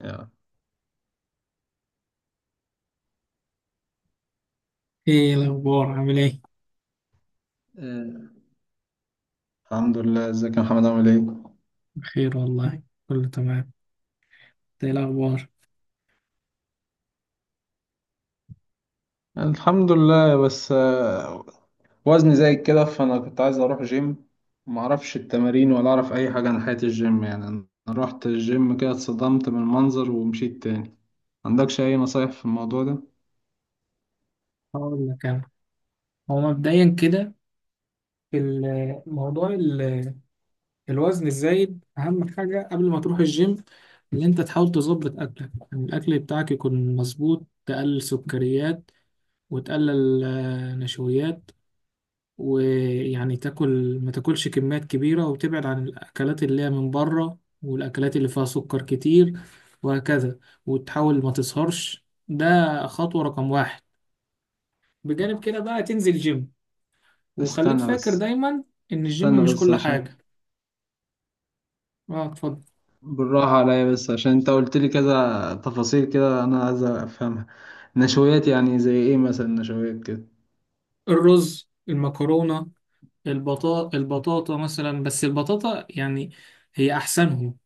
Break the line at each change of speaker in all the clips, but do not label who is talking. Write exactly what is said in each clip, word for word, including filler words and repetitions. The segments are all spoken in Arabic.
يا.
ايه الاخبار؟ عامل ايه؟
آه، الحمد لله، ازيك يا محمد؟ عامل ايه؟
بخير والله. كله تمام. إنت ايه الاخبار؟
الحمد لله، بس آه، وزني زايد كده، فانا كنت عايز اروح جيم. ما اعرفش التمارين ولا اعرف اي حاجه عن حياه الجيم، يعني انا رحت الجيم كده، اتصدمت من المنظر ومشيت تاني. عندكش اي نصايح في الموضوع ده؟
هقول لك انا. هو مبدئيا كده، في ال- موضوع ال- الوزن الزايد اهم حاجه قبل ما تروح الجيم، ان انت تحاول تظبط اكلك، يعني الاكل بتاعك يكون مظبوط، تقلل سكريات وتقلل آه، نشويات، ويعني تاكل، ما تاكلش كميات كبيرة، وتبعد عن الأكلات اللي هي من بره والأكلات اللي فيها سكر كتير، وهكذا، وتحاول ما تسهرش. ده خطوة رقم واحد. بجانب كده بقى تنزل جيم، وخليك
استنى
فاكر
بس،
دايما إن الجيم
استنى
مش
بس
كل
عشان،
حاجة. اه، اتفضل.
بالراحه عليا بس عشان انت قلت لي كذا تفاصيل كده، انا عايز افهمها. نشويات يعني زي ايه مثلا؟ نشويات كده.
الرز، المكرونة، البطاطا البطاطا مثلا، بس البطاطا يعني هي أحسنهم.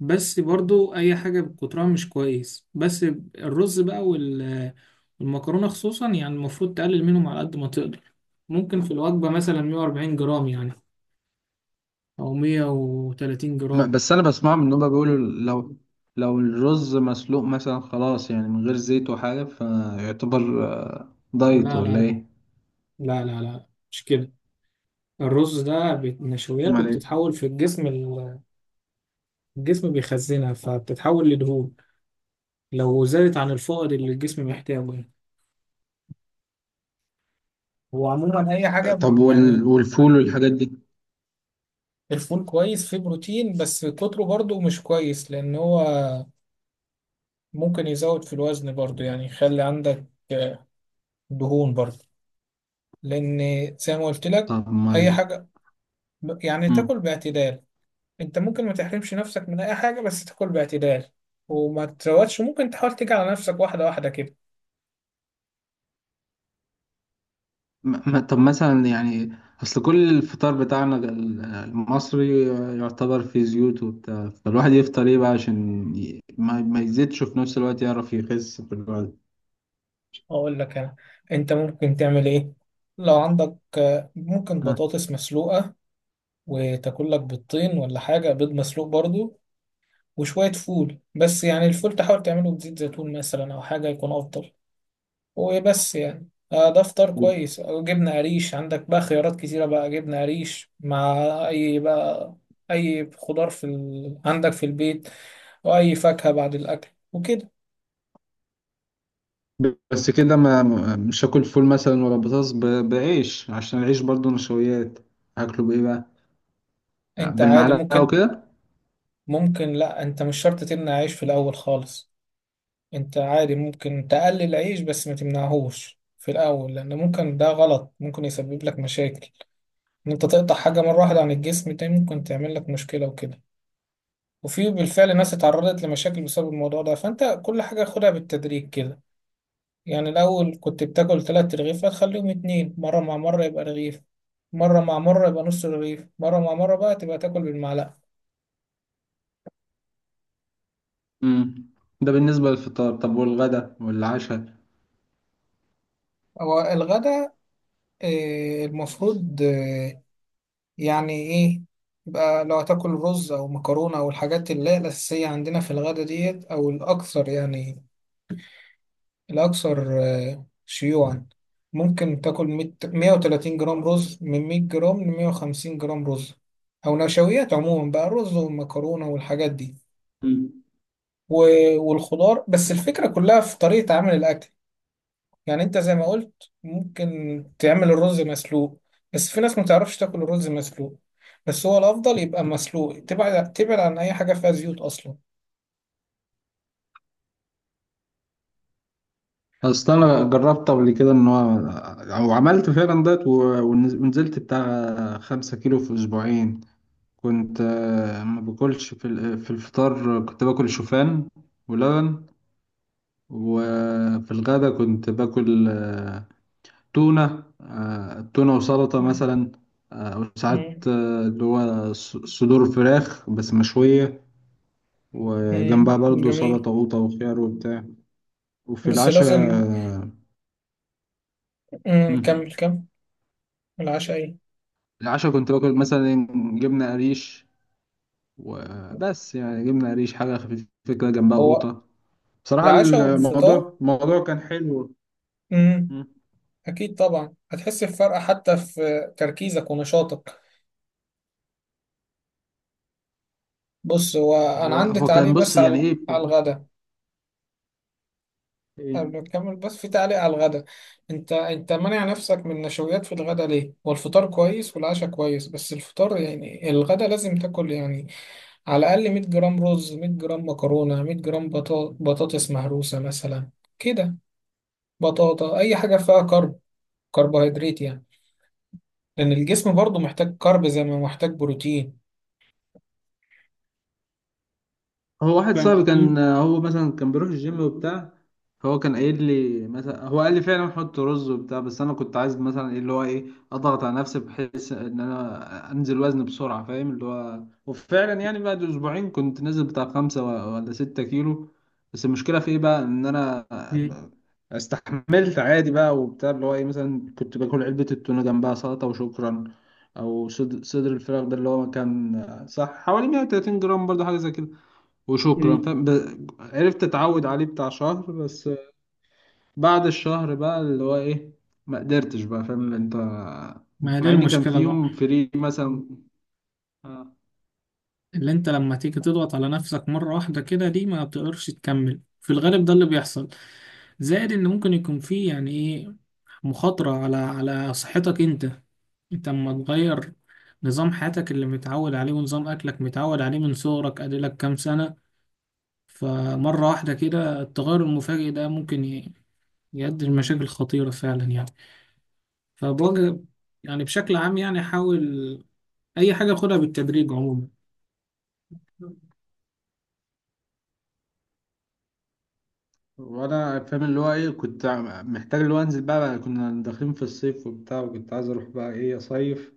بس برضو اي حاجة بكترها مش كويس. بس الرز بقى وال- والمكرونة خصوصا، يعني المفروض تقلل منهم على قد ما تقدر. ممكن في الوجبة مثلا مية وأربعين جرام يعني، او مئة وثلاثين
ما-
جرام.
بس انا بسمع ان هم بيقولوا لو، لو الرز مسلوق مثلا، خلاص يعني من غير زيت وحاجه، فيعتبر آه، دايت
لا، لا،
ولا ايه؟
لا، لا، لا، لا، مش كده. الرز ده بت- نشويات
امال ايه؟
وبتتحول في الجسم. ال- الجسم بيخزنها فبتتحول لدهون لو زادت عن الفائض اللي الجسم محتاجه يعني. هو عموما اي حاجه
طب وال...
يعني.
والفول والحاجات دي؟
الفول كويس، فيه بروتين، بس كتره برضو مش كويس، لان هو ممكن يزود في الوزن برضو، يعني يخلي عندك آه، دهون برضو، لأن زي ما قلت لك
طب ما
أي
ال-
حاجة ب- يعني
مم.
تاكل باعتدال. أنت ممكن ما تحرمش نفسك من أي حاجة، بس تاكل باعتدال، وما تروتش. ممكن تحاول تيجي على نفسك واحدة واحدة كده.
ما... ما- طب مثلا يعني، اصل كل الفطار بتاعنا ال- المصري آه، يعتبر فيه زيوت وبتاع، فالواحد يفطر ايه بقى عشان ي... ما... ما يزيدش وفي نفس الوقت يعرف يخس في
أقول لك أنا، أنت ممكن تعمل إيه. لو عندك آه، ممكن
الوقت.
بطاطس مسلوقة، وتاكل لك بيضتين ولا حاجة، بيض مسلوق برضو، وشوية فول، بس يعني الفول تحاول تعمله بزيت زيتون مثلا، أو حاجة يكون أفضل. وبس، يعني آه، ده فطار كويس، أو جبنة قريش. عندك بقى خيارات كتيرة بقى، جبنة قريش مع أي بقى، أي خضار في ال... عندك في البيت، أو أي فاكهة بعد الأكل وكده.
بس كده ما، مش هاكل فول مثلا ولا بطاطس، ب- بعيش، عشان العيش برضو نشويات. هاكله بايه بقى؟
أنت عادي
بالمعلقه
ممكن.
وكده؟
ممكن لأ، أنت مش شرط تمنع عيش في الأول خالص. أنت عادي ممكن تقلل عيش، بس ما تمنعهوش في الأول، لأن ممكن ده غلط، ممكن يسبب لك مشاكل، إن أنت تقطع حاجة مرة واحدة عن الجسم، ده ممكن تعمل لك مشكلة وكده، وفي بالفعل ناس اتعرضت لمشاكل بسبب الموضوع ده، فانت كل حاجة خدها بالتدريج كده. يعني الاول كنت بتاكل تلات رغيف، هتخليهم اتنين، مرة مع مرة يبقى رغيف، مرة مع مرة يبقى نص رغيف، مرة مع مرة بقى تبقى تاكل بالمعلقة.
امم. ده بالنسبه للفطار، طب والغدا والعشاء؟
هو الغدا آه، المفروض آه، يعني ايه، يبقى لو هتاكل رز او مكرونة او الحاجات اللي هي الاساسية عندنا في الغدا ديت، او الاكثر يعني، الأكثر آه، شيوعا، ممكن تاكل مئة مئة وثلاثين جرام رز، من مئة جرام ل مية وخمسين جرام رز، أو نشويات عموما بقى، رز والمكرونة والحاجات دي،
مم.
و- والخضار. بس الفكرة كلها في طريقة عمل الأكل، يعني أنت زي ما قلت ممكن تعمل الرز مسلوق. بس في ناس ما تعرفش تاكل الرز مسلوق، بس هو الأفضل يبقى مسلوق. تبعد تبعد عن أي حاجة فيها زيوت أصلا.
اصل انا جربت قبل كده ان هو، او عملت فعلا دايت و- ونز- ونزلت بتاع خمسة كيلو في اسبوعين. كنت آه، ما باكلش في ال- في الفطار، كنت باكل شوفان ولبن. وفي الغدا كنت باكل تونة، آه، تونة وسلطة
مم.
مثلا، آه، أو
مم.
ساعات آه، اللي هو ص- صدور فراخ بس مشوية،
مم.
وجنبها برضو
جميل.
سلطة وقوطة وخيار وبتاع. وفي
بس
العشاء
لازم.
آه،
مم.
مم.
كمل كمل. العشاء إيه؟
العشاء كنت باكل مثلا جبنة قريش وبس، يعني جبنة قريش حاجة خفيفة كده، جنبها
هو
قوطة. بصراحة
العشاء والفطار.
الموضوع الموضوع كان حلو.
امم.
مم.
اكيد طبعا هتحس بفرق حتى في تركيزك ونشاطك. بص، هو انا
هو
عندي
هو
تعليق
كان، بص
بس
يعني
على
ايه؟
على الغدا.
إيه؟
قبل ما نكمل بس، في تعليق على الغدا. انت انت مانع نفسك من النشويات في الغدا ليه؟ هو الفطار كويس والعشاء كويس، بس الفطار يعني الغدا لازم تاكل، يعني على الاقل مية جرام رز، مية جرام مكرونة، مية جرام بطا- بطاطس مهروسة مثلا، كده، بطاطا، اي حاجة فيها كرب كربوهيدرات يعني، لأن الجسم برضه محتاج كارب زي ما محتاج بروتين.
هو واحد
فاهم
صاحبي
قصدي؟
كان، هو مثلا كان بيروح الجيم وبتاع، فهو كان قايل لي مثلا، هو قال لي فعلا حط رز وبتاع، بس انا كنت عايز مثلا ايه اللي هو ايه، اضغط على نفسي بحيث ان انا انزل وزن بسرعه، فاهم اللي هو؟ وفعلا يعني بعد اسبوعين كنت نازل بتاع خمسة و- ولا ستة كيلو. بس المشكله في ايه بقى؟ ان انا
مم.
استحملت عادي بقى وبتاع، اللي هو ايه مثلا، كنت باكل علبه التونه جنبها سلطه وشكرا، او صدر صدر الفراخ ده اللي هو كان صح حوالي مئة وثلاثين جرام برضه، حاجه زي كده وشكرا،
مم.
فاهم؟ ب- عرفت اتعود عليه بتاع شهر بس. بعد الشهر بقى اللي هو ايه، ما قدرتش بقى، فاهم انت؟
ما هي دي
مع اني كان في
المشكلة بقى،
يوم فري مثلا. آه.
اللي انت لما تيجي تضغط على نفسك مرة واحدة كده، دي ما بتقدرش تكمل في الغالب، ده اللي بيحصل. زائد ان ممكن يكون فيه يعني ايه، مخاطرة على على صحتك انت. انت اما تغير نظام حياتك اللي متعود عليه ونظام اكلك متعود عليه من صغرك، اديلك كام سنة، فمرة واحدة كده التغير المفاجئ ده ممكن ي- يؤدي لمشاكل خطيرة فعلا يعني. فبوجه، يعني بشكل عام، يعني حاول أي حاجة خدها بالتدريج عموما.
وانا فاهم اللي هو ايه، كنت عم- محتاج اللي هو انزل بقى, بقى كنا داخلين في الصيف وبتاع، وكنت عايز اروح بقى ايه، اصيف،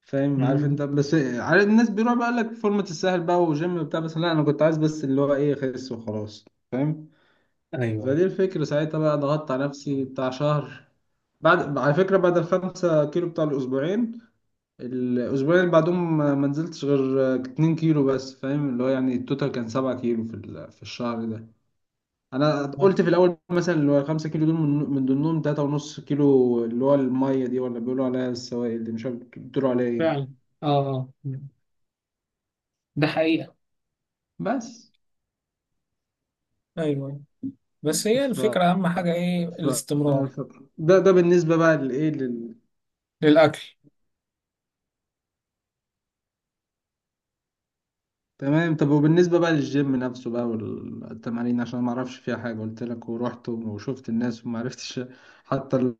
فاهم؟ عارف انت،
مم.
بس عارف الناس بيروح بقى لك فورمة، الساحل بقى وجيم وبتاع، بس لا انا كنت عايز بس اللي هو ايه، اخس وخلاص، فاهم؟
ايوه.
فدي الفكرة ساعتها بقى، ضغطت على نفسي بتاع شهر. بعد، على فكرة، بعد الخمسة كيلو بتاع الأسبوعين، الأسبوعين اللي بعدهم ما منزلتش غير اتنين كيلو بس، فاهم اللي هو؟ يعني التوتال كان سبعة كيلو في ال- في الشهر ده. أنا
أيوة.
قلت في الأول مثلا، اللي هو خمسة كيلو دول من من ضمنهم تلاتة ونص كيلو، اللي هو المية دي، ولا بيقولوا عليها السوائل دي، مش عارف بيقولوا عليها إيه.
فعلا. اه. آه. ده حقيقة.
بس
أيوه، بس هي
ف...
الفكرة أهم حاجة إيه؟
ف...
الاستمرار.
ف... ده ده بالنسبة بقى لإيه.
للأكل.
تمام. طب وبالنسبة بقى للجيم نفسه بقى والتمارين، عشان ما اعرفش فيها حاجة، قلت لك ورحت وشفت الناس وما عرفتش حتى ال...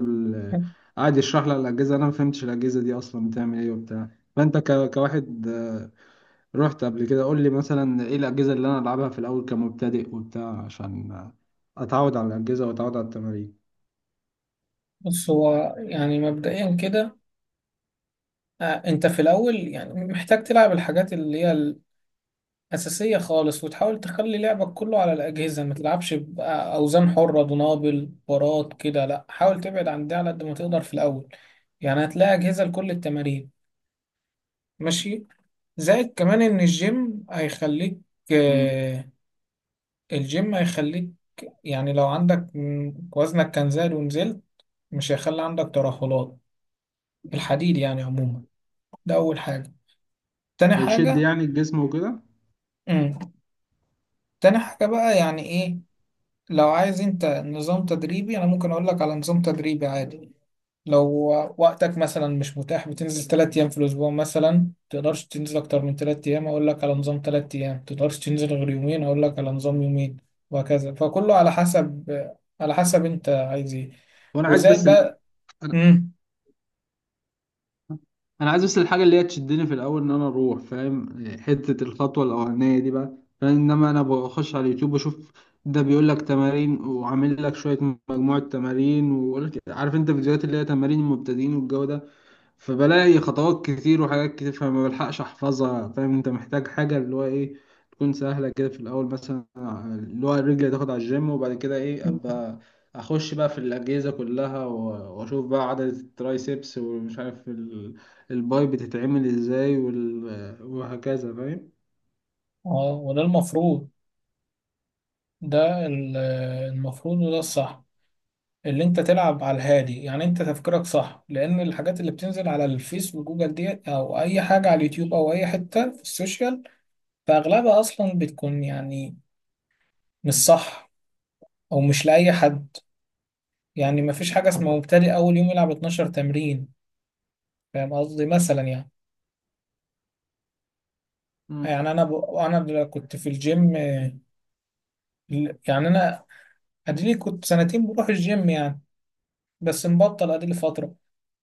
ال- قعد يشرح لي على الأجهزة، انا ما فهمتش الأجهزة دي اصلا بتعمل ايه وبتاع. فانت ك... كواحد آه، رحت قبل كده، قول لي مثلا ايه الأجهزة اللي انا العبها في الاول كمبتدئ وبتاع، عشان آه، اتعود على الأجهزة واتعود على التمارين.
بص، هو يعني مبدئيا كده آه، أنت في الأول يعني محتاج تلعب الحاجات اللي هي أساسية خالص، وتحاول تخلي لعبك كله على الأجهزة، ما تلعبش بأوزان حرة، دنابل، بارات كده، لأ، حاول تبعد عن ده على قد ما تقدر في الأول. يعني هتلاقي أجهزة لكل التمارين. ماشي. زائد كمان إن الجيم هيخليك
مم.
آه، الجيم هيخليك، يعني لو عندك م- وزنك كان زاد ونزلت، مش هيخلي عندك ترهلات. الحديد يعني عموما. ده أول حاجة. تاني
هيشد
حاجة.
يعني الجسم وكده.
مم. تاني حاجة بقى يعني إيه، لو عايز انت نظام تدريبي، انا ممكن اقول لك على نظام تدريبي عادي. لو وقتك مثلا مش متاح، بتنزل ثلاث ايام في الاسبوع مثلا، تقدرش تنزل اكتر من ثلاث ايام، اقول لك على نظام ثلاث ايام. تقدرش تنزل غير يومين، اقول لك على نظام يومين. وهكذا، فكله على حسب، على حسب انت عايز ايه.
وانا عايز
وزائد
بس ال...
بقى.
أنا-
امم.
انا عايز بس الحاجه اللي هي تشدني في الاول، ان انا اروح، فاهم؟ حته الخطوه الاولانيه دي بقى، فاهم؟ انما انا بخش على اليوتيوب بشوف، ده بيقول لك تمارين وعامل لك شويه مجموعه تمارين، ويقول لك عارف انت، فيديوهات اللي هي تمارين المبتدئين والجو ده، فبلاقي خطوات كتير وحاجات كتير، فما بلحقش احفظها. فاهم انت، محتاج حاجة اللي هو ايه، تكون سهلة كده في الأول مثلا، اللي هو رجلي تاخد على الجيم، وبعد كده ايه، أبقى أخش بقى في الأجهزة كلها، و- وأشوف بقى عدد الترايسبس، ومش عارف ال- الباي بتتعمل ازاي، وال- وهكذا، فاهم؟
اه، وده المفروض، ده ال- المفروض وده الصح، اللي انت تلعب على الهادي. يعني انت تفكيرك صح، لان الحاجات اللي بتنزل على الفيس وجوجل دي، او اي حاجة على اليوتيوب، او اي حتة في السوشيال، فاغلبها اصلا بتكون يعني مش صح، او مش لاي حد. يعني مفيش حاجة اسمها مبتدئ اول يوم يلعب اتناشر تمرين. فاهم قصدي، مثلا يعني.
مم.
يعني انا ب... انا ب- كنت في الجيم آه، ال- يعني انا اديلي كنت سنتين بروح الجيم يعني، بس مبطل اديلي فترة.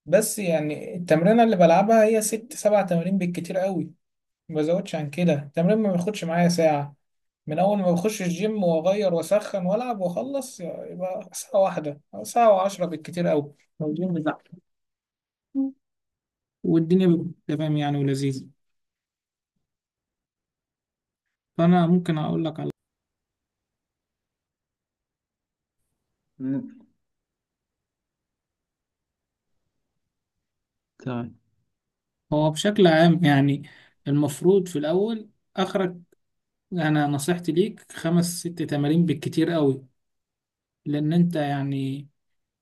بس يعني التمرينة اللي بلعبها هي ست سبع تمارين بالكتير قوي، ما بزودش عن كده. التمرين ما بياخدش معايا ساعة، من أول ما بخش الجيم وأغير وأسخن وألعب وأخلص، يبقى ساعة واحدة أو ساعة وعشرة بالكتير أوي، لو الجيم زحمة. والدنيا بتبقى تمام يعني، ولذيذة. فأنا ممكن أقول لك على،
مم. تمام.
هو بشكل عام يعني، المفروض في الأول، آخرك، أنا نصيحتي ليك خمس ست تمارين بالكتير أوي، لأن أنت يعني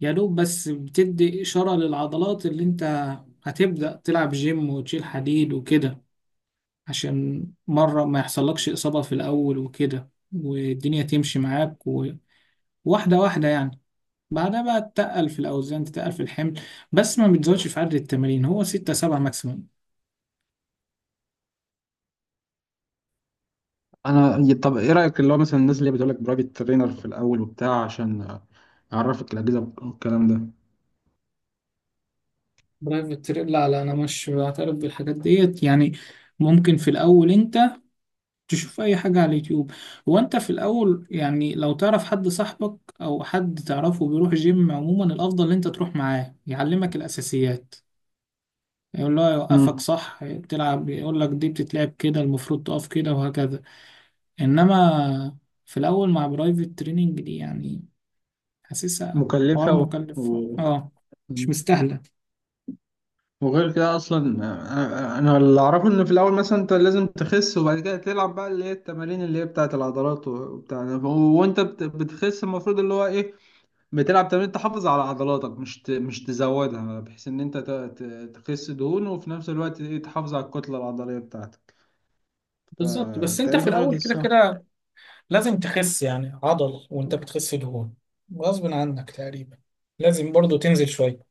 يا دوب بس بتدي إشارة للعضلات. اللي أنت هتبدأ تلعب جيم وتشيل حديد وكده، عشان مرة ما يحصلكش إصابة في الأول وكده، والدنيا تمشي معاك وواحدة واحدة يعني. بعدها بقى تتقل في الأوزان، تتقل في الحمل، بس ما بتزودش في عدد التمارين، هو ستة سبعة ماكسيموم.
أنا، طب ايه رأيك اللي هو مثلا الناس اللي بتقولك برايفت ترينر في الأول وبتاع، عشان أعرفك الأجهزة والكلام ده؟
برايفت تريل، لا، لا، أنا مش بعترف بالحاجات ديت يعني. ممكن في الأول أنت تشوف أي حاجة على اليوتيوب. هو أنت في الأول يعني، لو تعرف حد، صاحبك أو حد تعرفه بيروح جيم، عموما الأفضل إن أنت تروح معاه يعلمك الأساسيات، يقول له يوقفك
مم.
صح، تلعب يقول لك دي بتتلعب كده، المفروض تقف كده، وهكذا. انما في الاول مع برايفت تريننج دي، يعني حاسسها حوار
مكلفة و...
مكلف،
و...
اه، مش
مم.
مستاهله.
وغير كده اصلا آه، آه، انا اللي اعرفه ان في الاول مثلا، انت لازم تخس، وبعد كده تلعب بقى اللي هي التمارين اللي هي بتاعه العضلات وبتاع ده. و- وانت بت- بتخس، المفروض اللي هو ايه، بتلعب تمارين تحافظ على عضلاتك، مش ت- مش تزودها، بحيث ان انت ت- ت- تخس دهون، وفي نفس الوقت ايه، تحافظ على الكتله العضليه بتاعتك.
بالظبط، بس انت في
فتقريبا هو ده
الاول كده
الصح.
كده لازم تخس يعني عضل وانت بتخس دهون، غصب عنك تقريبا. لازم برضو تنزل شوية.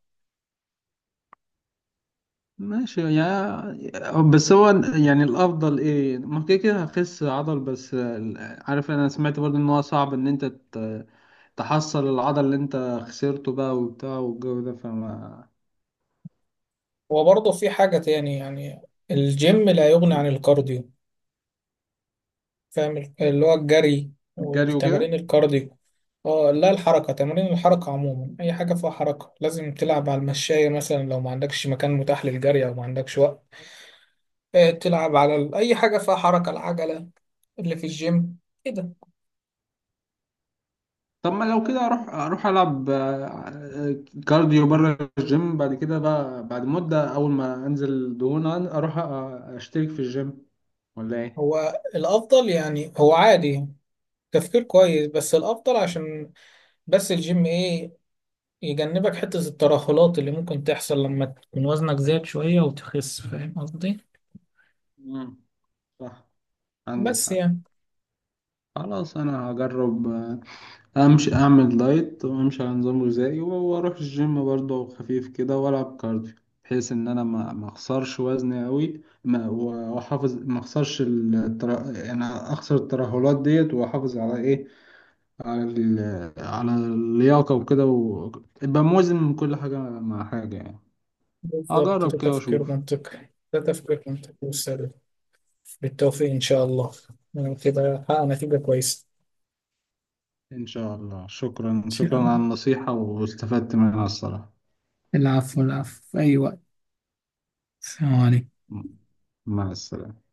ماشي يا، بس هو يعني الافضل ايه؟ ممكن كده كده هخس عضل بس، آه، عارف، انا سمعت برضه ان هو صعب ان انت تحصل العضل اللي انت خسرته بقى وبتاع والجو ده، فما،
وبرضو في حاجة تاني يعني، الجيم لا يغني عن الكارديو، فاهم، اللي هو الجري
الجري وكده؟
والتمارين الكارديو. اه لا، الحركة، تمارين الحركة عموما، أي حاجة فيها حركة، لازم تلعب على المشاية مثلا، لو ما عندكش مكان متاح للجري أو ما عندكش وقت. آه، تلعب على ال- أي حاجة فيها حركة، العجلة اللي في الجيم كده.
طب ما لو كده، اروح اروح العب آه، كارديو بره الجيم، بعد كده بقى، بعد مدة، اول ما انزل دهون اروح آه، اشترك في الجيم، ولا ايه؟
هو الأفضل يعني، هو عادي، تفكير كويس، بس الأفضل عشان، بس الجيم إيه، يجنبك حتة الترهلات اللي ممكن تحصل لما تكون وزنك زاد شوية وتخس. فاهم قصدي؟
مم. صح. عندك
بس
حق.
يعني
خلاص انا هجرب آه، امشي اعمل دايت، وامشي على نظام غذائي، و- واروح الجيم برضه خفيف كده والعب كارديو، بحيث ان انا ما ما اخسرش وزني قوي، ما و- واحافظ، ما اخسرش التر... يعني اخسر الترهلات ديت، واحافظ على ايه، على ال... على اللياقه وكده، وابقى موازن من كل حاجه مع حاجه يعني.
بالظبط، ده
اجرب كده
تفكير
واشوف.
منطقي، ده تفكير منطقي وسليم. بالتوفيق إن شاء الله، ونبقى كده حققنا نتيجة كويسة.
ان شاء الله،
إن
شكرا
شاء
شكرا على
الله.
النصيحه، واستفدت منها الصراحه.
العفو، العفو، في أي وقت. السلام عليكم.
مع السلامه.